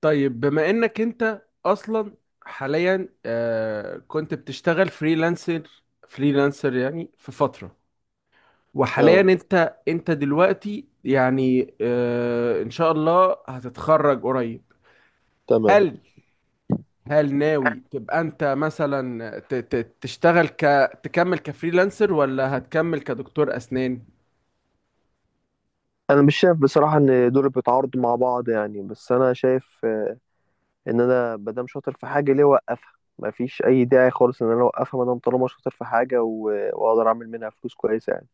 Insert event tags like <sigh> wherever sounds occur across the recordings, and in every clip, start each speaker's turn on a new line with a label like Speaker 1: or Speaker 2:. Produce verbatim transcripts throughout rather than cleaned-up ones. Speaker 1: طيب، بما انك انت اصلا حاليا آه، كنت بتشتغل فريلانسر فريلانسر يعني في فترة. وحاليا
Speaker 2: اه.
Speaker 1: انت انت دلوقتي يعني، آه، ان شاء الله هتتخرج قريب.
Speaker 2: تمام.
Speaker 1: هل هل ناوي تبقى انت مثلا ت- ت- تشتغل ك، تكمل كفريلانسر ولا هتكمل كدكتور اسنان؟
Speaker 2: انا مش شايف بصراحه ان دول بيتعارضوا مع بعض، يعني بس انا شايف، آه، ان انا مادام شاطر في حاجه ليه اوقفها؟ مفيش اي داعي خالص ان انا اوقفها مادام طالما شاطر في حاجه و... واقدر اعمل منها فلوس كويسه يعني.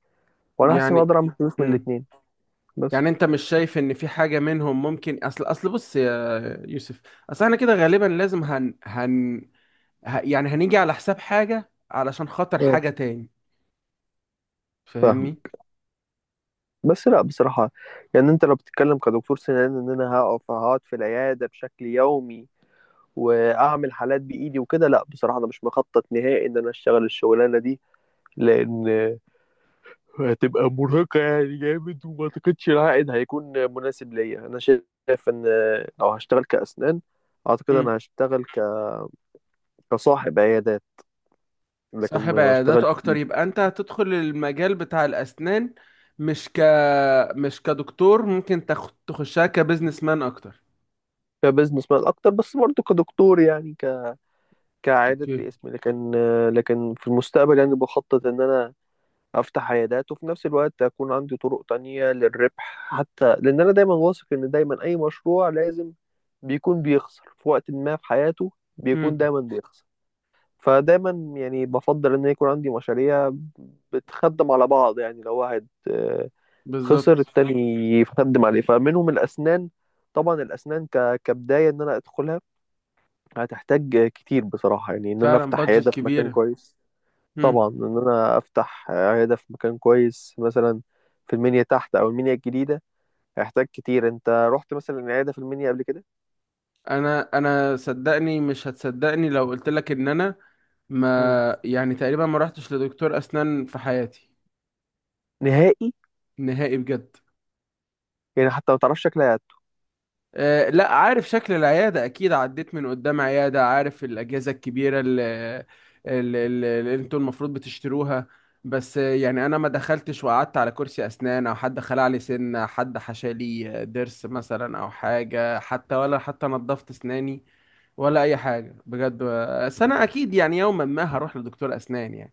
Speaker 2: وانا حاسس ان أنا
Speaker 1: يعني
Speaker 2: اقدر اعمل فلوس من الاتنين بس.
Speaker 1: يعني انت مش شايف ان في حاجة منهم ممكن؟ اصل اصل بص يا يوسف، اصل احنا كده غالبا لازم هن هن ه... يعني هنيجي على حساب حاجة علشان خاطر حاجة
Speaker 2: اه،
Speaker 1: تاني.
Speaker 2: فاهم.
Speaker 1: فاهمني؟
Speaker 2: بس لا بصراحه، يعني انت لو بتتكلم كدكتور سنان ان انا هقف هقعد في العياده بشكل يومي واعمل حالات بايدي وكده، لا بصراحه انا مش مخطط نهائي ان انا اشتغل الشغلانه دي، لان هتبقى مرهقة يعني جامد، وما أعتقدش العائد هيكون مناسب ليا. أنا شايف إن لو هشتغل كأسنان أعتقد
Speaker 1: امم.
Speaker 2: أنا هشتغل ك... كصاحب عيادات، لكن
Speaker 1: صاحب
Speaker 2: ما
Speaker 1: عيادات
Speaker 2: اشتغلت
Speaker 1: اكتر، يبقى انت هتدخل المجال بتاع الاسنان مش ك، مش كدكتور، ممكن تخ... تخشها كبزنس مان اكتر.
Speaker 2: كبزنس مان أكتر، بس برضه كدكتور يعني ك... كعيادات
Speaker 1: اوكي.
Speaker 2: باسمي. لكن لكن في المستقبل يعني بخطط إن أنا أفتح عيادات، وفي نفس الوقت أكون عندي طرق تانية للربح، حتى لأن أنا دايما واثق إن دايما أي مشروع لازم بيكون بيخسر في وقت ما في حياته، بيكون
Speaker 1: امم.
Speaker 2: دايما بيخسر. فدايما يعني بفضل ان يكون عندي مشاريع بتخدم على بعض، يعني لو واحد آه، خسر،
Speaker 1: بالظبط.
Speaker 2: التاني يخدم عليه. فمنهم الاسنان، طبعا الاسنان ك... كبدايه ان انا ادخلها هتحتاج كتير بصراحه، يعني ان انا
Speaker 1: فعلا
Speaker 2: افتح
Speaker 1: بادجت
Speaker 2: عياده في مكان
Speaker 1: كبيرة.
Speaker 2: كويس.
Speaker 1: امم.
Speaker 2: طبعا ان انا افتح عياده في مكان كويس مثلا في المنيا تحت او المنيا الجديده هيحتاج كتير. انت رحت مثلا عياده في المنيا قبل كده؟
Speaker 1: انا انا صدقني مش هتصدقني لو قلت لك ان انا
Speaker 2: مم.
Speaker 1: ما يعني تقريبا ما رحتش لدكتور اسنان في حياتي.
Speaker 2: نهائي؟
Speaker 1: نهائي بجد.
Speaker 2: يعني حتى ما تعرفش شكلها هت-
Speaker 1: آه، لا، عارف شكل العيادة أكيد، عديت من قدام عيادة، عارف الأجهزة الكبيرة اللي, اللي, اللي اللي انتوا المفروض بتشتروها. بس آه، يعني أنا ما دخلتش وقعدت على كرسي أسنان، أو حد خلع لي سنة، حد حشى لي ضرس مثلا أو حاجة، حتى ولا حتى نظفت أسناني ولا أي حاجة بجد. آه، بس أنا أكيد يعني يوما ما هروح لدكتور أسنان، يعني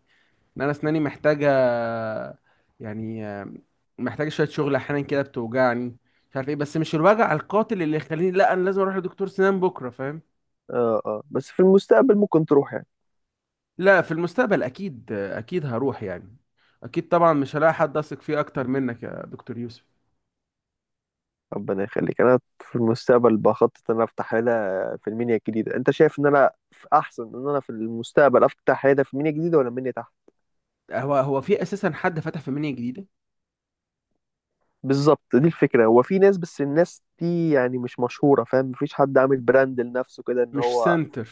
Speaker 1: ان انا اسناني محتاجه، يعني آه، محتاجه شويه شغل. احيانا كده بتوجعني، مش عارف ايه، بس مش الوجع القاتل اللي يخليني لا، انا لازم اروح لدكتور سنان بكره. فاهم؟
Speaker 2: اه، اه، بس في المستقبل ممكن تروح يعني.
Speaker 1: لا، في المستقبل اكيد اكيد هروح يعني. اكيد طبعا، مش هلاقي حد اثق فيه اكتر منك يا دكتور يوسف.
Speaker 2: ربنا يخليك. انا في المستقبل بخطط ان انا افتح عياده في المنيا الجديده. انت شايف ان انا في احسن، ان انا في المستقبل افتح عياده في المنيا الجديده ولا المنيا تحت؟
Speaker 1: هو هو في اساسا حد فتح في منيا جديده؟
Speaker 2: بالظبط، دي الفكره. هو في ناس، بس الناس دي يعني مش مشهوره، فاهم؟ مفيش حد عامل براند لنفسه كده، ان
Speaker 1: مش
Speaker 2: هو
Speaker 1: سنتر.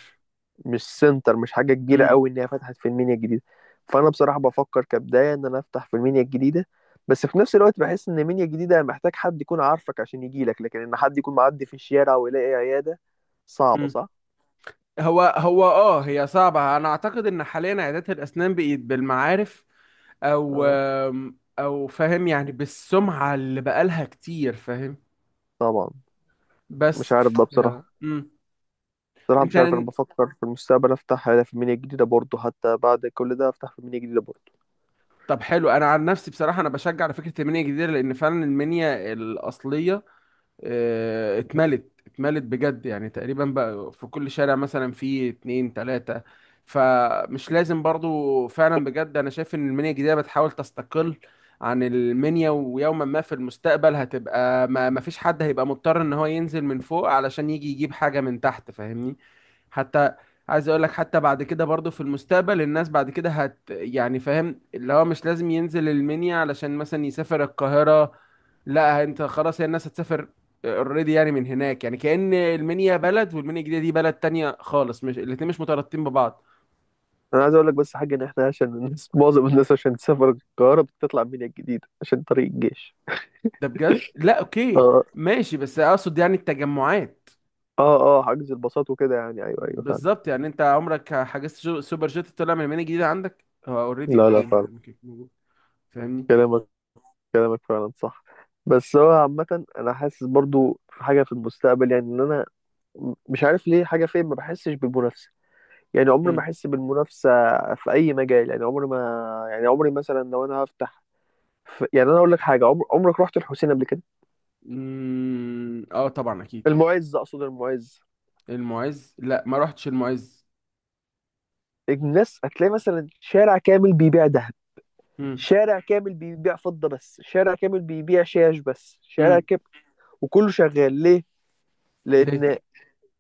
Speaker 2: مش سنتر، مش حاجه كبيره قوي ان هي فتحت في المنيا الجديده. فانا بصراحه بفكر كبدايه ان انا افتح في المنيا الجديده، بس في نفس الوقت بحس ان المنيا الجديده محتاج حد يكون عارفك عشان يجيلك، لكن ان حد يكون معدي في الشارع ويلاقي عياده صعبه،
Speaker 1: امم.
Speaker 2: صح؟
Speaker 1: هو هو اه هي صعبة. انا اعتقد ان حاليا عيادات الاسنان بقت بالمعارف او
Speaker 2: آه،
Speaker 1: آم، او فاهم يعني بالسمعة اللي بقالها كتير. فاهم؟
Speaker 2: طبعا. مش
Speaker 1: بس
Speaker 2: عارف
Speaker 1: ف...
Speaker 2: بقى بصراحة.
Speaker 1: مم.
Speaker 2: بصراحة مش عارف، أنا
Speaker 1: انت
Speaker 2: بفكر في المستقبل أفتح في مينيا جديدة برضه، حتى بعد كل ده أفتح في مينيا جديدة برضه.
Speaker 1: طب حلو، انا عن نفسي بصراحة انا بشجع على فكرة المنيا الجديدة، لان فعلا المنيا الاصلية آه، اتملت اتملت بجد يعني، تقريبا بقى في كل شارع مثلا في اتنين تلاتة. فمش لازم برضو، فعلا بجد انا شايف ان المنيا الجديدة بتحاول تستقل عن المنيا، ويوما ما في المستقبل هتبقى ما ما فيش حد هيبقى مضطر ان هو ينزل من فوق علشان يجي يجيب حاجة من تحت. فاهمني؟ حتى عايز اقول لك، حتى بعد كده برضو في المستقبل الناس بعد كده هت يعني فاهم، اللي هو مش لازم ينزل المنيا علشان مثلا يسافر القاهرة. لا، انت خلاص هي الناس هتسافر اوريدي يعني من هناك، يعني كأن المنيا بلد والمنيا الجديدة دي بلد تانية خالص، مش الاتنين مش مترابطين ببعض.
Speaker 2: أنا عايز أقول لك بس حاجة، إن إحنا عشان الناس <laughs> معظم الناس عشان تسافر القاهرة بتطلع مينيا الجديدة عشان طريق الجيش.
Speaker 1: ده بجد؟ لا اوكي،
Speaker 2: آه،
Speaker 1: ماشي. بس اقصد يعني التجمعات.
Speaker 2: آه، آه، حجز الباصات وكده يعني، أيوه، أيوه، فعلا.
Speaker 1: بالظبط، يعني انت عمرك حجزت شو- سوبر جيت طلع من المنيا الجديدة؟ عندك هو اوريدي،
Speaker 2: لا، لا،
Speaker 1: اوكي، ما
Speaker 2: فعلا.
Speaker 1: دام كده موجود. فاهمني؟
Speaker 2: كلامك كلامك فعلا صح. بس هو عامة أنا حاسس برضه في حاجة في المستقبل، يعني إن أنا م- مش عارف ليه، حاجة فين ما بحسش بالمنافسة. يعني عمري ما
Speaker 1: مم.
Speaker 2: أحس بالمنافسة في أي مجال، يعني عمري ما، يعني عمري مثلا لو أنا هفتح، ف... يعني انا اقول لك حاجه، عمر... عمرك رحت الحسين قبل كده؟
Speaker 1: مم. اه طبعا اكيد.
Speaker 2: المعز، اقصد المعز.
Speaker 1: المعز، لا ما رحتش المعز.
Speaker 2: الناس هتلاقي مثلا شارع كامل بيبيع ذهب،
Speaker 1: مم.
Speaker 2: شارع كامل بيبيع فضه بس، شارع كامل بيبيع شاش بس، شارع
Speaker 1: مم.
Speaker 2: كامل. وكله شغال ليه؟
Speaker 1: ليه؟
Speaker 2: لان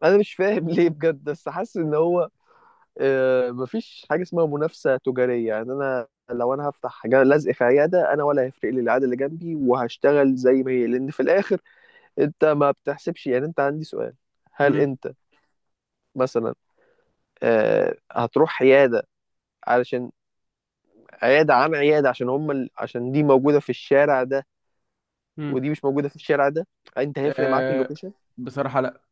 Speaker 2: انا مش فاهم <laughs> ليه بجد، بس حاسس ان هو آه، مفيش حاجه اسمها منافسه تجاريه يعني. انا لو انا هفتح جا- لزق في عياده، انا ولا هيفرق لي العياده اللي جنبي، وهشتغل زي ما هي، لان في الاخر انت ما بتحسبش. يعني انت، عندي سؤال، هل
Speaker 1: مم.
Speaker 2: انت مثلا آه، هتروح عيادة علشان عيادة عن عيادة عشان هم ال... عشان دي موجودة في الشارع ده
Speaker 1: مم.
Speaker 2: ودي مش موجودة في الشارع ده؟ انت هيفرق معاك
Speaker 1: آه،
Speaker 2: اللوكيشن؟
Speaker 1: بصراحة لا.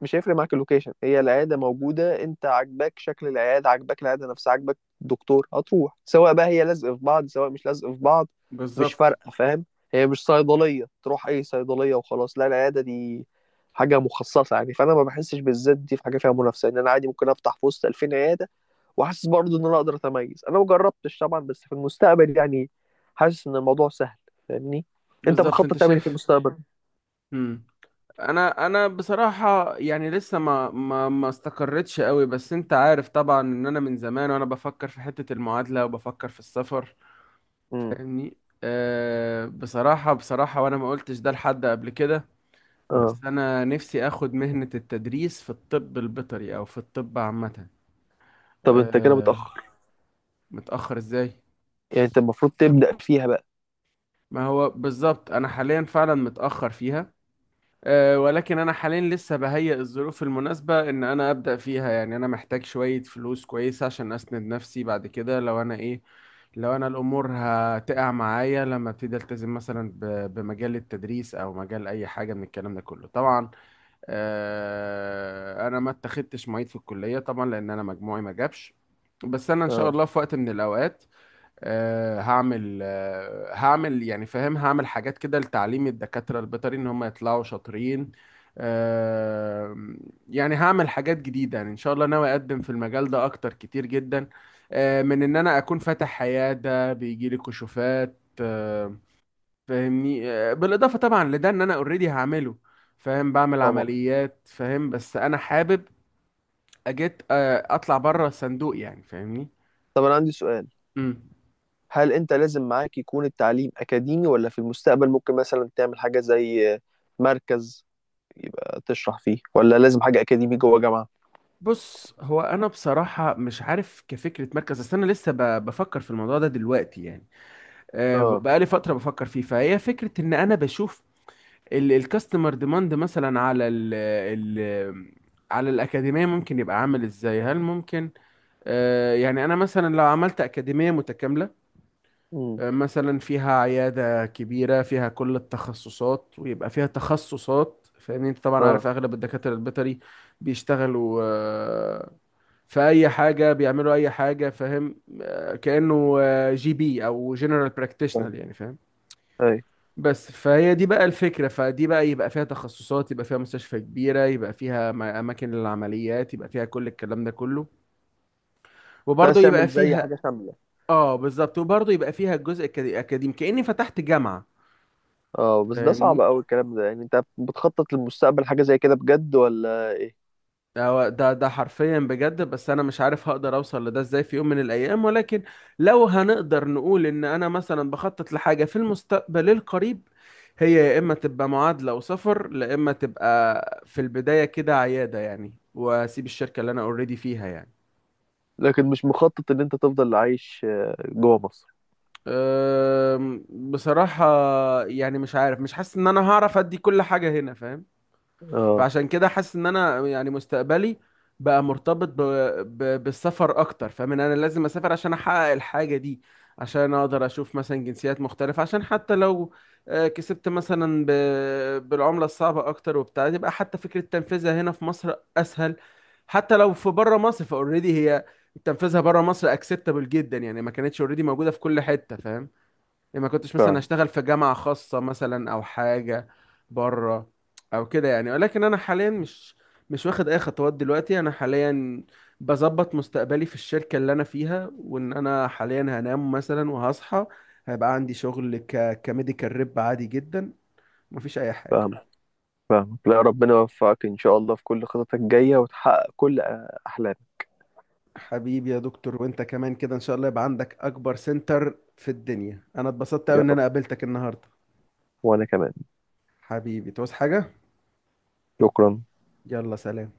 Speaker 2: مش هيفرق معاك اللوكيشن. هي العيادة موجودة، انت عاجباك شكل العيادة، عاجباك العيادة نفسها، عاجباك الدكتور، هتروح، سواء بقى هي لازقة في بعض سواء مش لازقة في بعض، مش
Speaker 1: بالظبط.
Speaker 2: فارقة، فاهم؟ هي مش صيدلية تروح أي صيدلية وخلاص. لا، العيادة دي حاجة مخصصة يعني، فأنا ما بحسش بالذات دي في حاجة فيها منافسة، إن أنا عادي ممكن أفتح في وسط ألفين عيادة، وحاسس برضه ان انا اقدر اتميز. انا ما جربتش طبعا، بس في المستقبل يعني حاسس ان الموضوع سهل، فاهمني؟ انت
Speaker 1: بالظبط،
Speaker 2: بتخطط
Speaker 1: انت
Speaker 2: تعمل ايه في
Speaker 1: شايف.
Speaker 2: المستقبل؟
Speaker 1: انا انا بصراحه يعني لسه ما ما ما استقرتش قوي، بس انت عارف طبعا ان انا من زمان وانا بفكر في حته المعادله وبفكر في السفر.
Speaker 2: امم.
Speaker 1: فاهمني؟ أه، بصراحه بصراحه وانا ما قلتش ده لحد قبل كده،
Speaker 2: اه،
Speaker 1: بس انا نفسي اخد مهنه التدريس في الطب البيطري او في الطب عامه.
Speaker 2: طب انت كده
Speaker 1: أه.
Speaker 2: متأخر،
Speaker 1: متاخر ازاي؟
Speaker 2: يعني انت المفروض تبدأ فيها بقى.
Speaker 1: ما هو بالظبط، انا حاليا فعلا متاخر فيها. أه، ولكن أنا حاليا لسه بهيئ الظروف المناسبة إن أنا أبدأ فيها. يعني أنا محتاج شوية فلوس كويسة عشان أسند نفسي بعد كده، لو أنا إيه، لو أنا الأمور هتقع معايا لما أبتدي ألتزم مثلا ب- بمجال التدريس أو مجال أي حاجة من الكلام ده كله طبعا. أه، أنا ما اتخدتش معيد في الكلية طبعا لأن أنا مجموعي ما جابش. بس أنا إن شاء
Speaker 2: اه،
Speaker 1: الله في وقت من الأوقات آه، هعمل آه، هعمل يعني فاهم، هعمل حاجات كده لتعليم الدكاترة البيطري ان هم يطلعوا شاطرين. آه، يعني هعمل حاجات جديدة يعني، ان شاء الله ناوي اقدم في المجال ده اكتر كتير جدا، آه، من ان انا اكون فاتح عيادة بيجيلي كشوفات. آه، فاهمني؟ آه، بالاضافة طبعا لده ان انا اوريدي هعمله، فاهم، بعمل
Speaker 2: طبعا.
Speaker 1: عمليات، فاهم؟ بس انا حابب اجيت، آه، اطلع بره الصندوق يعني. فاهمني؟
Speaker 2: طب انا عندي سؤال، هل انت لازم معاك يكون التعليم اكاديمي، ولا في المستقبل ممكن مثلا تعمل حاجة زي مركز يبقى تشرح فيه، ولا لازم حاجة اكاديمي جوه جامعة؟
Speaker 1: بص هو انا بصراحه مش عارف كفكره مركز، اصل انا لسه ب- بفكر في الموضوع ده دلوقتي يعني. آه، ب-
Speaker 2: اه.
Speaker 1: بقالي فتره بفكر فيه، فهي فكره ان انا بشوف الكاستمر ديماند مثلا على ال ال على الاكاديميه، ممكن يبقى عامل ازاي. هل ممكن آه، يعني انا مثلا لو عملت اكاديميه متكامله
Speaker 2: امم.
Speaker 1: مثلا فيها عيادة كبيرة فيها كل التخصصات ويبقى فيها تخصصات؟ فاهمني؟ انت طبعا عارف
Speaker 2: اه.
Speaker 1: اغلب الدكاترة البيطري بيشتغلوا، آه، في اي حاجة، بيعملوا اي حاجة، فاهم؟ آه، كأنه آه، جي بي او جنرال
Speaker 2: آه.
Speaker 1: براكتيشنر يعني، فاهم؟
Speaker 2: اي.
Speaker 1: بس فهي دي بقى الفكرة، فدي بقى يبقى فيها تخصصات، يبقى فيها مستشفى كبيرة، يبقى فيها م- أماكن للعمليات، يبقى فيها كل الكلام ده كله،
Speaker 2: أنت
Speaker 1: وبرضه
Speaker 2: عايز
Speaker 1: يبقى
Speaker 2: تعمل زي
Speaker 1: فيها،
Speaker 2: حاجة شاملة؟
Speaker 1: اه بالظبط، وبرضه يبقى فيها الجزء الأكاديمي كأني فتحت جامعة.
Speaker 2: اه، بس ده صعب
Speaker 1: فاهمني؟
Speaker 2: قوي الكلام ده، يعني انت بتخطط للمستقبل حاجة زي كده بجد ولا ايه؟
Speaker 1: ده ده ده حرفيا بجد، بس انا مش عارف هقدر اوصل لده ازاي في يوم من الايام. ولكن لو هنقدر نقول ان انا مثلا بخطط لحاجه في المستقبل القريب، هي يا اما تبقى معادله وسفر، لا اما تبقى في البدايه كده عياده يعني، واسيب الشركه اللي انا اوريدي فيها يعني.
Speaker 2: لكن مش مخطط ان انت تفضل عايش آه، جوه مصر؟
Speaker 1: أم، بصراحه يعني مش عارف، مش حاسس ان انا هعرف ادي كل حاجه هنا. فاهم؟
Speaker 2: اه،
Speaker 1: فعشان كده حاسس ان انا يعني مستقبلي بقى مرتبط ب... ب... بالسفر اكتر، فاهم ان انا لازم اسافر عشان احقق الحاجة دي، عشان اقدر اشوف مثلا جنسيات مختلفة، عشان حتى لو آه، كسبت مثلا ب... بالعملة الصعبة اكتر وبتاع، يبقى حتى فكرة تنفيذها هنا في مصر اسهل. حتى لو في بره مصر، فاوريدي هي تنفيذها بره مصر اكسبتابل جدا يعني، ما كانتش اوريدي موجودة في كل حتة. فاهم؟ يعني ما كنتش مثلا
Speaker 2: فعلا.
Speaker 1: اشتغل في جامعة خاصة مثلا او حاجة بره او كده يعني. ولكن انا حاليا مش مش واخد اي خطوات دلوقتي. انا حاليا بظبط مستقبلي في الشركة اللي انا فيها، وان انا حاليا هنام مثلا وهصحى هيبقى عندي شغل ك كميديكال ريب عادي جدا، مفيش اي حاجة.
Speaker 2: فاهم، فاهم. لا، ربنا يوفقك ان شاء الله في كل خططك الجاية، وتحقق كل آه، احلامك.
Speaker 1: حبيبي يا دكتور، وانت كمان كده ان شاء الله يبقى عندك اكبر سنتر في الدنيا. انا اتبسطت قوي
Speaker 2: يا
Speaker 1: ان انا
Speaker 2: رب.
Speaker 1: قابلتك النهاردة.
Speaker 2: وانا كمان.
Speaker 1: حبيبي، تعوز حاجة؟
Speaker 2: شكرا.
Speaker 1: يلا، سلام.